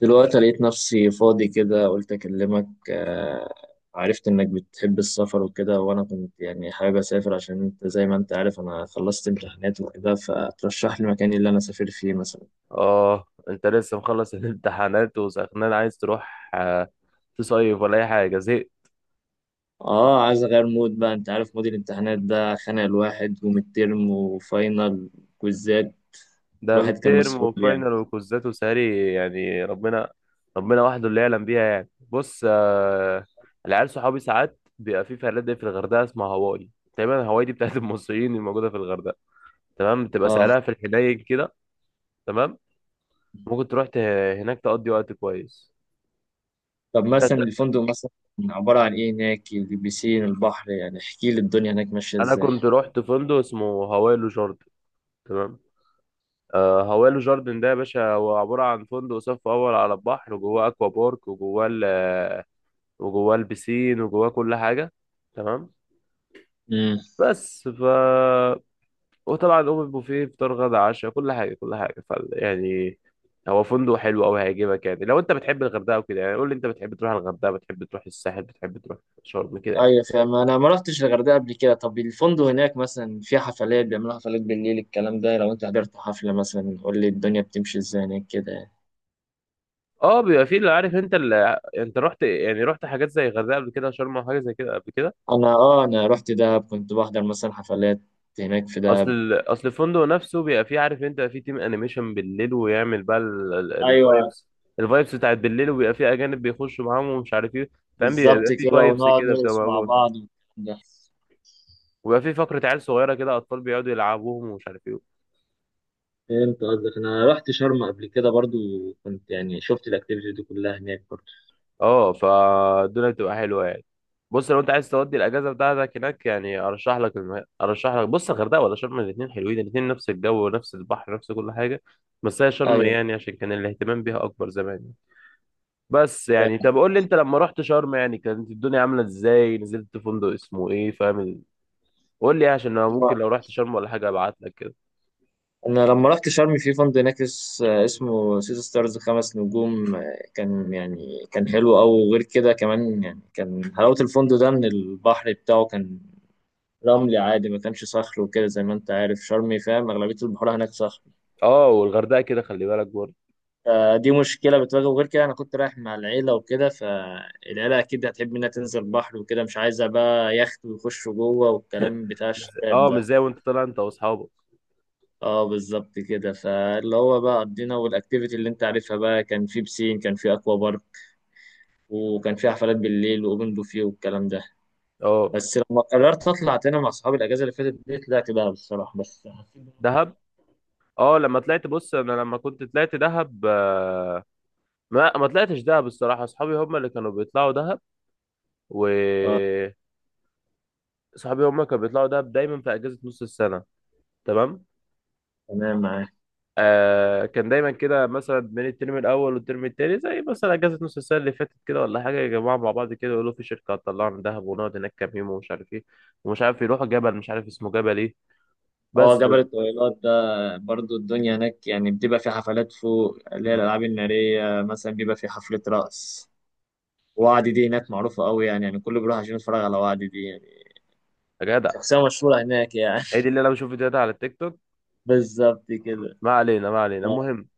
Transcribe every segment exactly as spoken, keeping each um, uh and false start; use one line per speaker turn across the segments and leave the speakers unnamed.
دلوقتي لقيت نفسي فاضي كده قلت أكلمك آه، عرفت إنك بتحب السفر وكده وأنا كنت يعني حابب أسافر عشان أنت زي ما أنت عارف أنا خلصت امتحانات وكده فترشح لي مكان اللي أنا أسافر فيه مثلا.
اه، انت لسه مخلص الامتحانات وسخنان عايز تروح آه، تصيف ولا اي حاجه؟ زهقت.
آه عايز أغير مود بقى، أنت عارف مود الامتحانات ده خانق الواحد، وميد ترم وفاينل كويزات،
ده
الواحد كان
بالترم
مسحول يعني.
وفاينل وكوزات وسهري، يعني ربنا، ربنا وحده اللي يعلم بيها. يعني بص، آه، العيال صحابي ساعات بيبقى في فنادق في الغردقه اسمها هواي تقريبا. هواي دي بتاعت المصريين الموجوده في الغردقه، تمام. بتبقى
آه
سعرها في الحنين كده، تمام. ممكن تروح ت- هناك تقضي وقت كويس.
طب
انت
مثلا الفندق مثلا عبارة عن إيه هناك؟ البيسين، البحر، يعني احكي لي الدنيا هناك ماشية
انا كنت رحت فندق اسمه هواي لوجارد، تمام. آه، هوالو جاردن ده يا باشا هو عبارة عن فندق صف أول على البحر، وجواه أكوا بارك، وجواه ال- آه، وجواه البسين، وجواه كل حاجة، تمام.
إزاي؟
بس. ف وطبعا أوبن بوفيه، فطار غدا عشاء، كل حاجة كل حاجة. ف يعني هو فندق حلو أوي، هيعجبك، يعني لو أنت بتحب الغردقة وكده. يعني قول لي، أنت بتحب تروح الغردقة، بتحب تروح الساحل، بتحب تروح شرم، كده يعني.
ايوه فاهم، انا ما رحتش الغردقه قبل كده. طب الفندق هناك مثلا في حفلات؟ بيعملوا حفلات بالليل الكلام ده؟ لو انت حضرت حفله مثلا قول لي الدنيا بتمشي ازاي هناك كده يعني.
اه، بيبقى فيه اللي عارف. أنت اللي... أنت رحت، يعني رحت حاجات زي الغردقة قبل كده، شرم أو حاجة زي كده قبل كده؟
انا اه انا رحت دهب، كنت بحضر مثلا حفلات هناك في
اصل
دهب.
ال- اصل الفندق نفسه بيبقى فيه، عارف انت، فيه تيم انيميشن بالليل، ويعمل بقى
ايوه
الفايبس، الفايبس بتاعت بالليل، وبيبقى فيه اجانب بيخشوا معاهم ومش عارف ايه. فاهم؟
بالظبط
بيبقى فيه
كده،
فايبس
ونقعد
كده بتبقى
نرقص مع
موجود،
بعض والكلام ده.
وبيبقى فيه فقرة عيال صغيرة كده، اطفال بيقعدوا يلعبوهم ومش عارف ايه.
فهمت قصدك، انا رحت شرم قبل كده برضو، كنت يعني شفت الاكتيفيتي دي كلها هناك برضو.
اه، فالدنيا بتبقى حلوة يعني. بص، لو انت عايز تودي الاجازة بتاعتك هناك، يعني ارشح لك الم... ارشح لك، بص، الغردقة ولا شرم؟ الاتنين حلوين، الاتنين نفس الجو، نفس البحر، نفس كل حاجة. بس هي شرم
ايوه.
يعني عشان كان الاهتمام بيها اكبر زمان. بس يعني، طب قول لي انت لما رحت شرم، يعني كانت الدنيا عامله ازاي، نزلت فندق اسمه ايه، فاهم؟ قول لي عشان انا ممكن لو رحت شرم ولا حاجه ابعت لك كده.
انا لما رحت شرم في فندق هناك اس- اسمه سيتي ستارز خمس نجوم، آه، كان يعني كان حلو أوي. وغير كده كمان يعني كان حلاوة الفندق ده ان البحر بتاعه كان رملي عادي، ما كانش صخر وكده. زي ما انت عارف شرم فاهم اغلبية البحور هناك صخر،
اه، والغردقه كده، خلي بالك برضه.
فدي مشكلة بتواجه. وغير كده انا كنت رايح مع العيلة وكده، فالعيلة اكيد هتحب انها تنزل بحر وكده، مش عايزة بقى يخت ويخشوا جوه والكلام بتاع الشباب
اه، مش
ده.
زي وانت طالع انت واصحابك.
اه بالظبط كده. فاللي هو بقى قضينا، والاكتيفيتي اللي انت عارفها بقى، كان في بسين، كان في اكوا بارك، وكان في حفلات بالليل واوبن بوفيه والكلام ده.
اه،
بس لما قررت اطلع تاني مع اصحابي الاجازه اللي فاتت دي طلعت بقى بالصراحه. بس
دهب. اه لما طلعت، بص، انا لما كنت طلعت دهب، آه، ما ما طلعتش دهب الصراحه، اصحابي هم اللي كانوا بيطلعوا دهب. و صحابي هم كانوا بيطلعوا دهب دايما في اجازه نص السنه، تمام.
تمام معاك.
آه كان دايما كده، مثلا بين الترم الاول والترم التاني، زي مثلا اجازه نص السنه اللي فاتت كده ولا حاجه، يا جماعه مع بعض كده يقولوا في شركه هتطلعنا دهب ونقعد هناك كام يوم، ومش عارف ايه. ومش عارف يروحوا جبل، مش عارف اسمه جبل ايه.
اه
بس. و...
جبل الطويلات ده، برضو الدنيا هناك يعني بتبقى في حفلات فوق، اللي هي
مم.
الالعاب الناريه مثلا، بيبقى في حفله رقص. وعدي دي هناك معروفه قوي يعني، يعني كله بيروح عشان يتفرج على وعدي دي يعني،
يا جدع،
شخصيه مشهوره هناك يعني.
هي دي اللي انا بشوف فيديوهات على التيك توك.
بالظبط كده.
ما علينا، ما علينا،
آه،
المهم.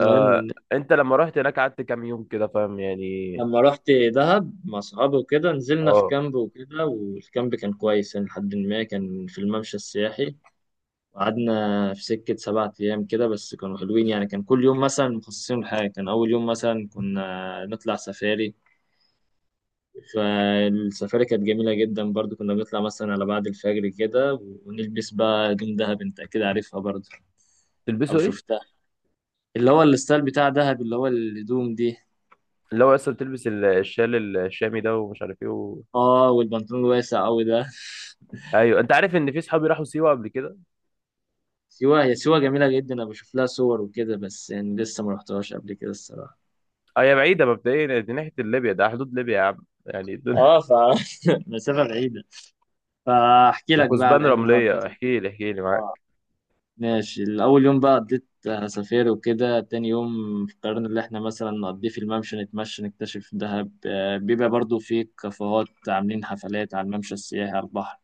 آه انت لما رحت هناك قعدت كام يوم كده، فاهم يعني؟
لما رحت دهب مع صحابي وكده نزلنا في
اه،
كامب وكده، والكامب كان كويس يعني لحد ما كان في الممشى السياحي. وقعدنا في سكة سبعة أيام كده، بس كانوا حلوين يعني. كان كل يوم مثلا مخصصين لحاجة. كان أول يوم مثلا كنا نطلع سفاري، فالسفاري كانت جميلة جدا برضو، كنا بنطلع مثلا على بعد الفجر كده، ونلبس بقى هدوم دهب أنت أكيد عارفها برضو أو
تلبسوا ايه؟
شفتها، اللي هو الستايل بتاع دهب، اللي هو الهدوم دي.
اللي هو اصلا بتلبس ال- الشال الشامي ده، ومش عارف ايه و...
اه والبنطلون الواسع أوي ده.
ايوه. انت عارف ان في صحابي راحوا سيوه قبل كده.
سيوة، هي سيوة جميلة جدا، أنا بشوف لها صور وكده بس يعني لسه ما رحتهاش قبل كده الصراحة.
هي بعيدة مبدئيا، دي ناحية ليبيا، ده حدود ليبيا يا عم، يعني الدنيا.
اه ف مسافة بعيدة. فأحكي لك بقى على
وكثبان
الأيام اللي أنا
رملية،
قضيتها.
احكي لي احكي لي،
آه.
معاك.
ماشي، الأول يوم بقى قضيت سفير وكده. تاني يوم قررنا اللي احنا مثلا نقضيه في الممشى، نتمشى نكتشف دهب، آه، بيبقى برضو في كافيهات عاملين حفلات على الممشى السياحي على البحر،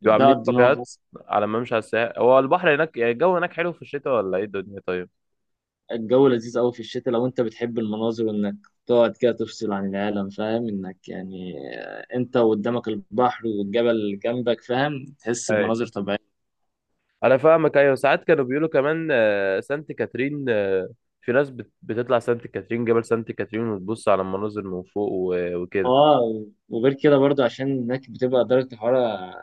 بيبقوا
ده
عاملين
قضيناه.
كافيهات على ما امشي على الساحل. هو البحر هناك يعني، الجو هناك حلو في الشتاء ولا ايه الدنيا طيب؟
الجو لذيذ قوي في الشتاء لو انت بتحب المناظر، وانك تقعد كده تفصل عن العالم، فاهم انك يعني، آه، انت وقدامك البحر والجبل جنبك، فاهم، تحس
ايوه،
بمناظر طبيعية.
انا فاهمك. ايوه، ساعات كانوا بيقولوا كمان آه، سانت كاترين. آه، في ناس بت- بتطلع سانت كاترين، جبل سانت كاترين، وتبص على المناظر من فوق و- وكده.
اه وغير كده برضو عشان هناك بتبقى درجة الحرارة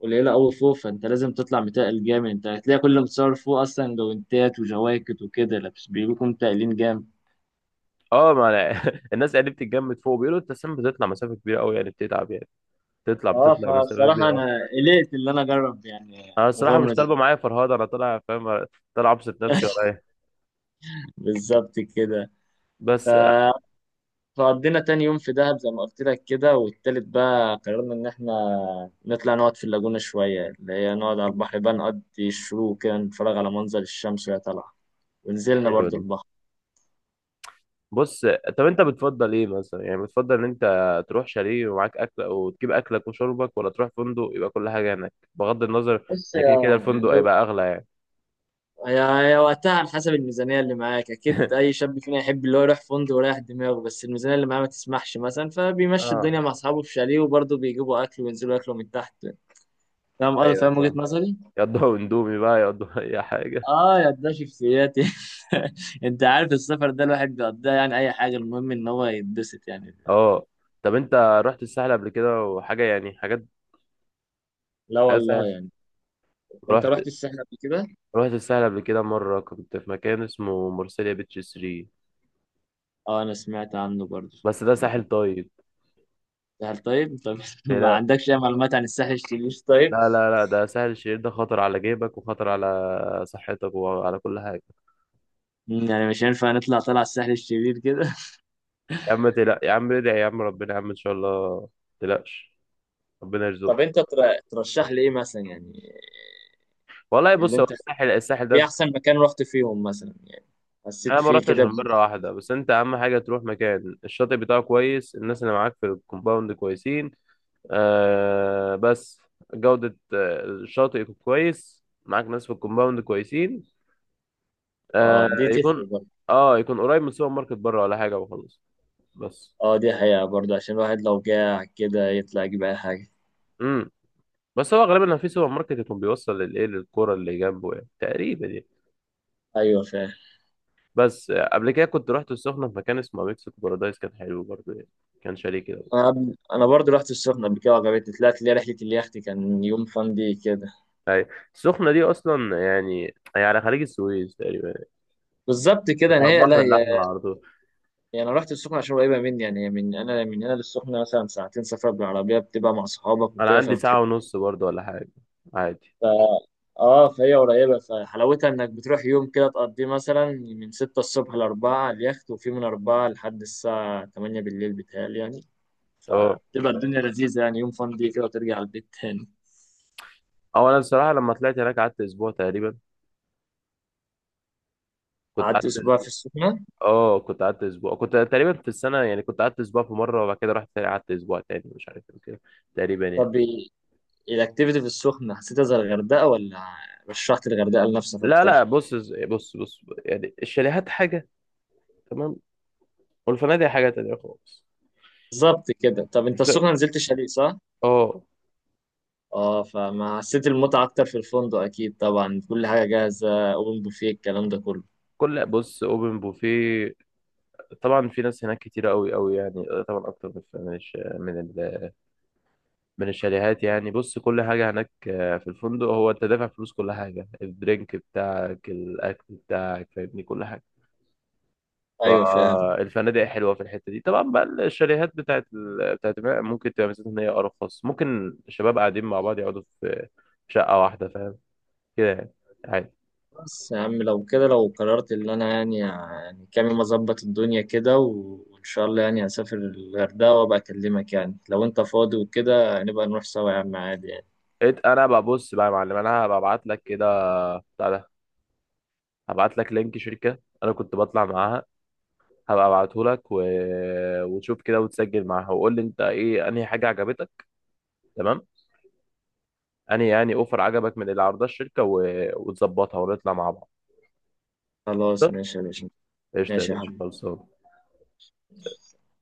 قليلة قوي فوق، فانت لازم تطلع متقل جامد، انت هتلاقي كل اللي متصور فوق اصلا جوانتات وجواكت وكده لابس، بيكونوا متقلين جامد.
اه، ما أنا الناس يعني بتتجمد فوق، بيقولوا انت أساساً بتطلع مسافة كبيرة قوي يعني، بتتعب يعني. بتطلع
اه
بتطلع مسافة
فصراحة
كبيرة.
انا قلقت اللي انا اجرب يعني
انا الصراحه مش
مغامرة زي
طالبه معايا فرهاده، انا طالع، فاهم؟ طالع ابسط نفسي ولا ايه؟
بالظبط كده. ف
بس
فقضينا تاني يوم في دهب زي ما قلت لك كده. والتالت بقى قررنا إن إحنا نطلع نقعد في اللاجونة شوية، اللي هي نقعد على البحر بقى، نقضي الشروق كده، نتفرج على منظر الشمس وهي طالعة، ونزلنا
حلو
برضو
ده.
البحر.
بص، طب انت بتفضل ايه مثلا، يعني بتفضل ان انت تروح شاليه ومعاك اكل وتجيب اكلك وشربك، ولا تروح فندق يبقى كل حاجه هناك، بغض النظر
بص
ان كده كده
يا
الفندق
يعني،
هيبقى اغلى يعني؟
هي هي وقتها على حسب الميزانية اللي معاك. أكيد أي شاب فينا يحب اللي هو يروح فندق ويريح دماغه، بس الميزانية اللي معاه ما تسمحش مثلا، فبيمشي
اه،
الدنيا مع أصحابه في شاليه وبرضه بيجيبوا أكل وينزلوا ياكلوا من تحت. فاهم قصدي؟
ايوه
فاهم وجهة
فاهم.
نظري؟
يقضوا اندومي بقى، يقضوا اي حاجه.
اه يا ده شخصيات. انت عارف السفر ده الواحد بيقضيها يعني اي حاجه، المهم ان هو يتبسط يعني.
اه، طب انت رحت الساحل قبل كده وحاجه، يعني حاجات
لا
حاجات
والله
سهل؟
يعني، انت
رحت
رحت الساحل قبل كده؟
رحت الساحل قبل كده مره، كنت في مكان اسمه مرسيليا بيتش ثلاثة.
اه انا سمعت عنه برضه.
بس ده ساحل طيب.
الساحل طيب، طب ما
لا
عندكش اي معلومات عن الساحل الشرير طيب؟
لا لا لا، ده ساحل الشرير، ده خطر على جيبك وخطر على صحتك وعلى كل حاجة.
مم، يعني مش هينفع نطلع، طلع الساحل الشرير كده؟
يا عم تلا، يا عم ادعي يا عم ربنا، يا عم إن شاء الله ما تقلقش، ربنا يرزقك.
طب انت تر- ترشح لي ايه مثلا يعني؟
والله
اللي
بص، هو
انت
الساحل، الساحل
ايه
ده
احسن مكان رحت فيهم مثلا يعني، حسيت
أنا ما
فيه
رحتش
كده
غير
ب-.
مرة واحدة. بس أنت أهم حاجة تروح مكان الشاطئ بتاعه كويس، الناس اللي معاك في الكومباوند كويسين. آه بس جودة آه، الشاطئ يكون كويس، معاك ناس في الكومباوند كويسين.
اه
آه
دي
يكون
تفرق.
اه يكون قريب من سوبر ماركت بره ولا حاجة، وخلاص. بس
اه دي حقيقة برضه، عشان الواحد لو جاع كده يطلع يجيب أي حاجة.
امم بس هو غالبا في سوبر ماركت يكون بيوصل للايه، للكوره اللي جنبه، يعني تقريبا يعني.
أيوة فاهم.
بس آه، قبل كده كنت رحت السخنه في مكان اسمه مكسيكو بارادايس، كان حلو برضه يعني، كان شاليه كده.
أنا قبل- أنا برضه رحت السخنة قبل كده وعجبتني، طلعت لي رحلة اليخت كان يوم فان دي كده.
اي، السخنه دي اصلا يعني هي على خليج السويس تقريبا يعني.
بالظبط كده
مش على
يعني، هي لا
البحر
هي
الاحمر على طول.
يعني، أنا رحت السخنة عشان قريبة مني يعني، هي من أنا من هنا للسخنة مثلا ساعتين سفر بالعربية، بتبقى مع صحابك
انا
وكده
عندي
فبتحس.
ساعه ونص برضه ولا حاجه، عادي.
ف... اه فهي قريبة، فحلاوتها انك بتروح يوم كده تقضيه مثلا من ستة الصبح لأربعة على اليخت، وفي من أربعة لحد الساعة تمانية بالليل، بتهيألي يعني
اه
تبقى الدنيا لذيذة يعني، يوم فان دي كده وترجع البيت تاني.
او انا الصراحه لما طلعت هناك قعدت اسبوع تقريبا. كنت
قعدت
قعدت
اسبوع في
اسبوع.
السخنه.
اه، كنت قعدت اسبوع، كنت تقريبا في السنه يعني كنت قعدت اسبوع في مره، وبعد كده رحت تاني قعدت اسبوع تاني، مش عارف ايه كده، تقريبا يعني.
طب إيه- الاكتيفيتي في السخنه حسيتها زي الغردقه ولا رشحت الغردقه لنفسك
لا لا،
اكتر؟
بص بص بص، يعني الشاليهات حاجة، تمام، والفنادق حاجة تانية خالص.
بالظبط كده. طب انت
ف...
السخنه نزلت شاليه صح؟
اه،
اه فما حسيت المتعه اكتر في الفندق؟ اكيد طبعا كل حاجه جاهزه، اوبن بوفيه الكلام ده كله.
كل بص، اوبن بوفيه، طبعا في ناس هناك كتير قوي قوي، يعني آه، طبعا اكتر من من الش... من, ال... من الشاليهات. يعني بص، كل حاجة هناك آه، في الفندق، هو انت دافع فلوس كل حاجة، الدرينك بتاعك، الاكل بتاعك، فاهمني، كل حاجة.
ايوه فاهم.
فالفنادق حلوه في الحته دي. طبعا بقى الشاليهات بتاعت ال... بتاعت ممكن تبقى ميزتها ان هي ارخص، ممكن الشباب قاعدين مع بعض يقعدوا في شقه واحده، فاهم كده يعني، عادي.
بس يا عم لو كده لو قررت اللي انا يعني، يعني كام يوم اظبط الدنيا كده و- وان شاء الله يعني هسافر الغردقه وابقى اكلمك يعني لو انت فاضي وكده، نبقى نروح سوا يا عم، عادي يعني.
إت- انا ببص بقى يا معلم، انا هبقى ابعت لك كده، بتاع ده. هبعت لك لينك شركه انا كنت بطلع معاها، هبقى ابعته لك و... وتشوف كده، وتسجل معاها، وقول لي انت ايه انهي حاجه عجبتك، تمام؟ انهي يعني اوفر عجبك من اللي عرضها الشركه، و... وتظبطها ونطلع مع بعض.
خلاص
قشطه،
ماشي يا باشا.
قشطه يا
ماشي يا
باشا،
حبيبي.
خلصان.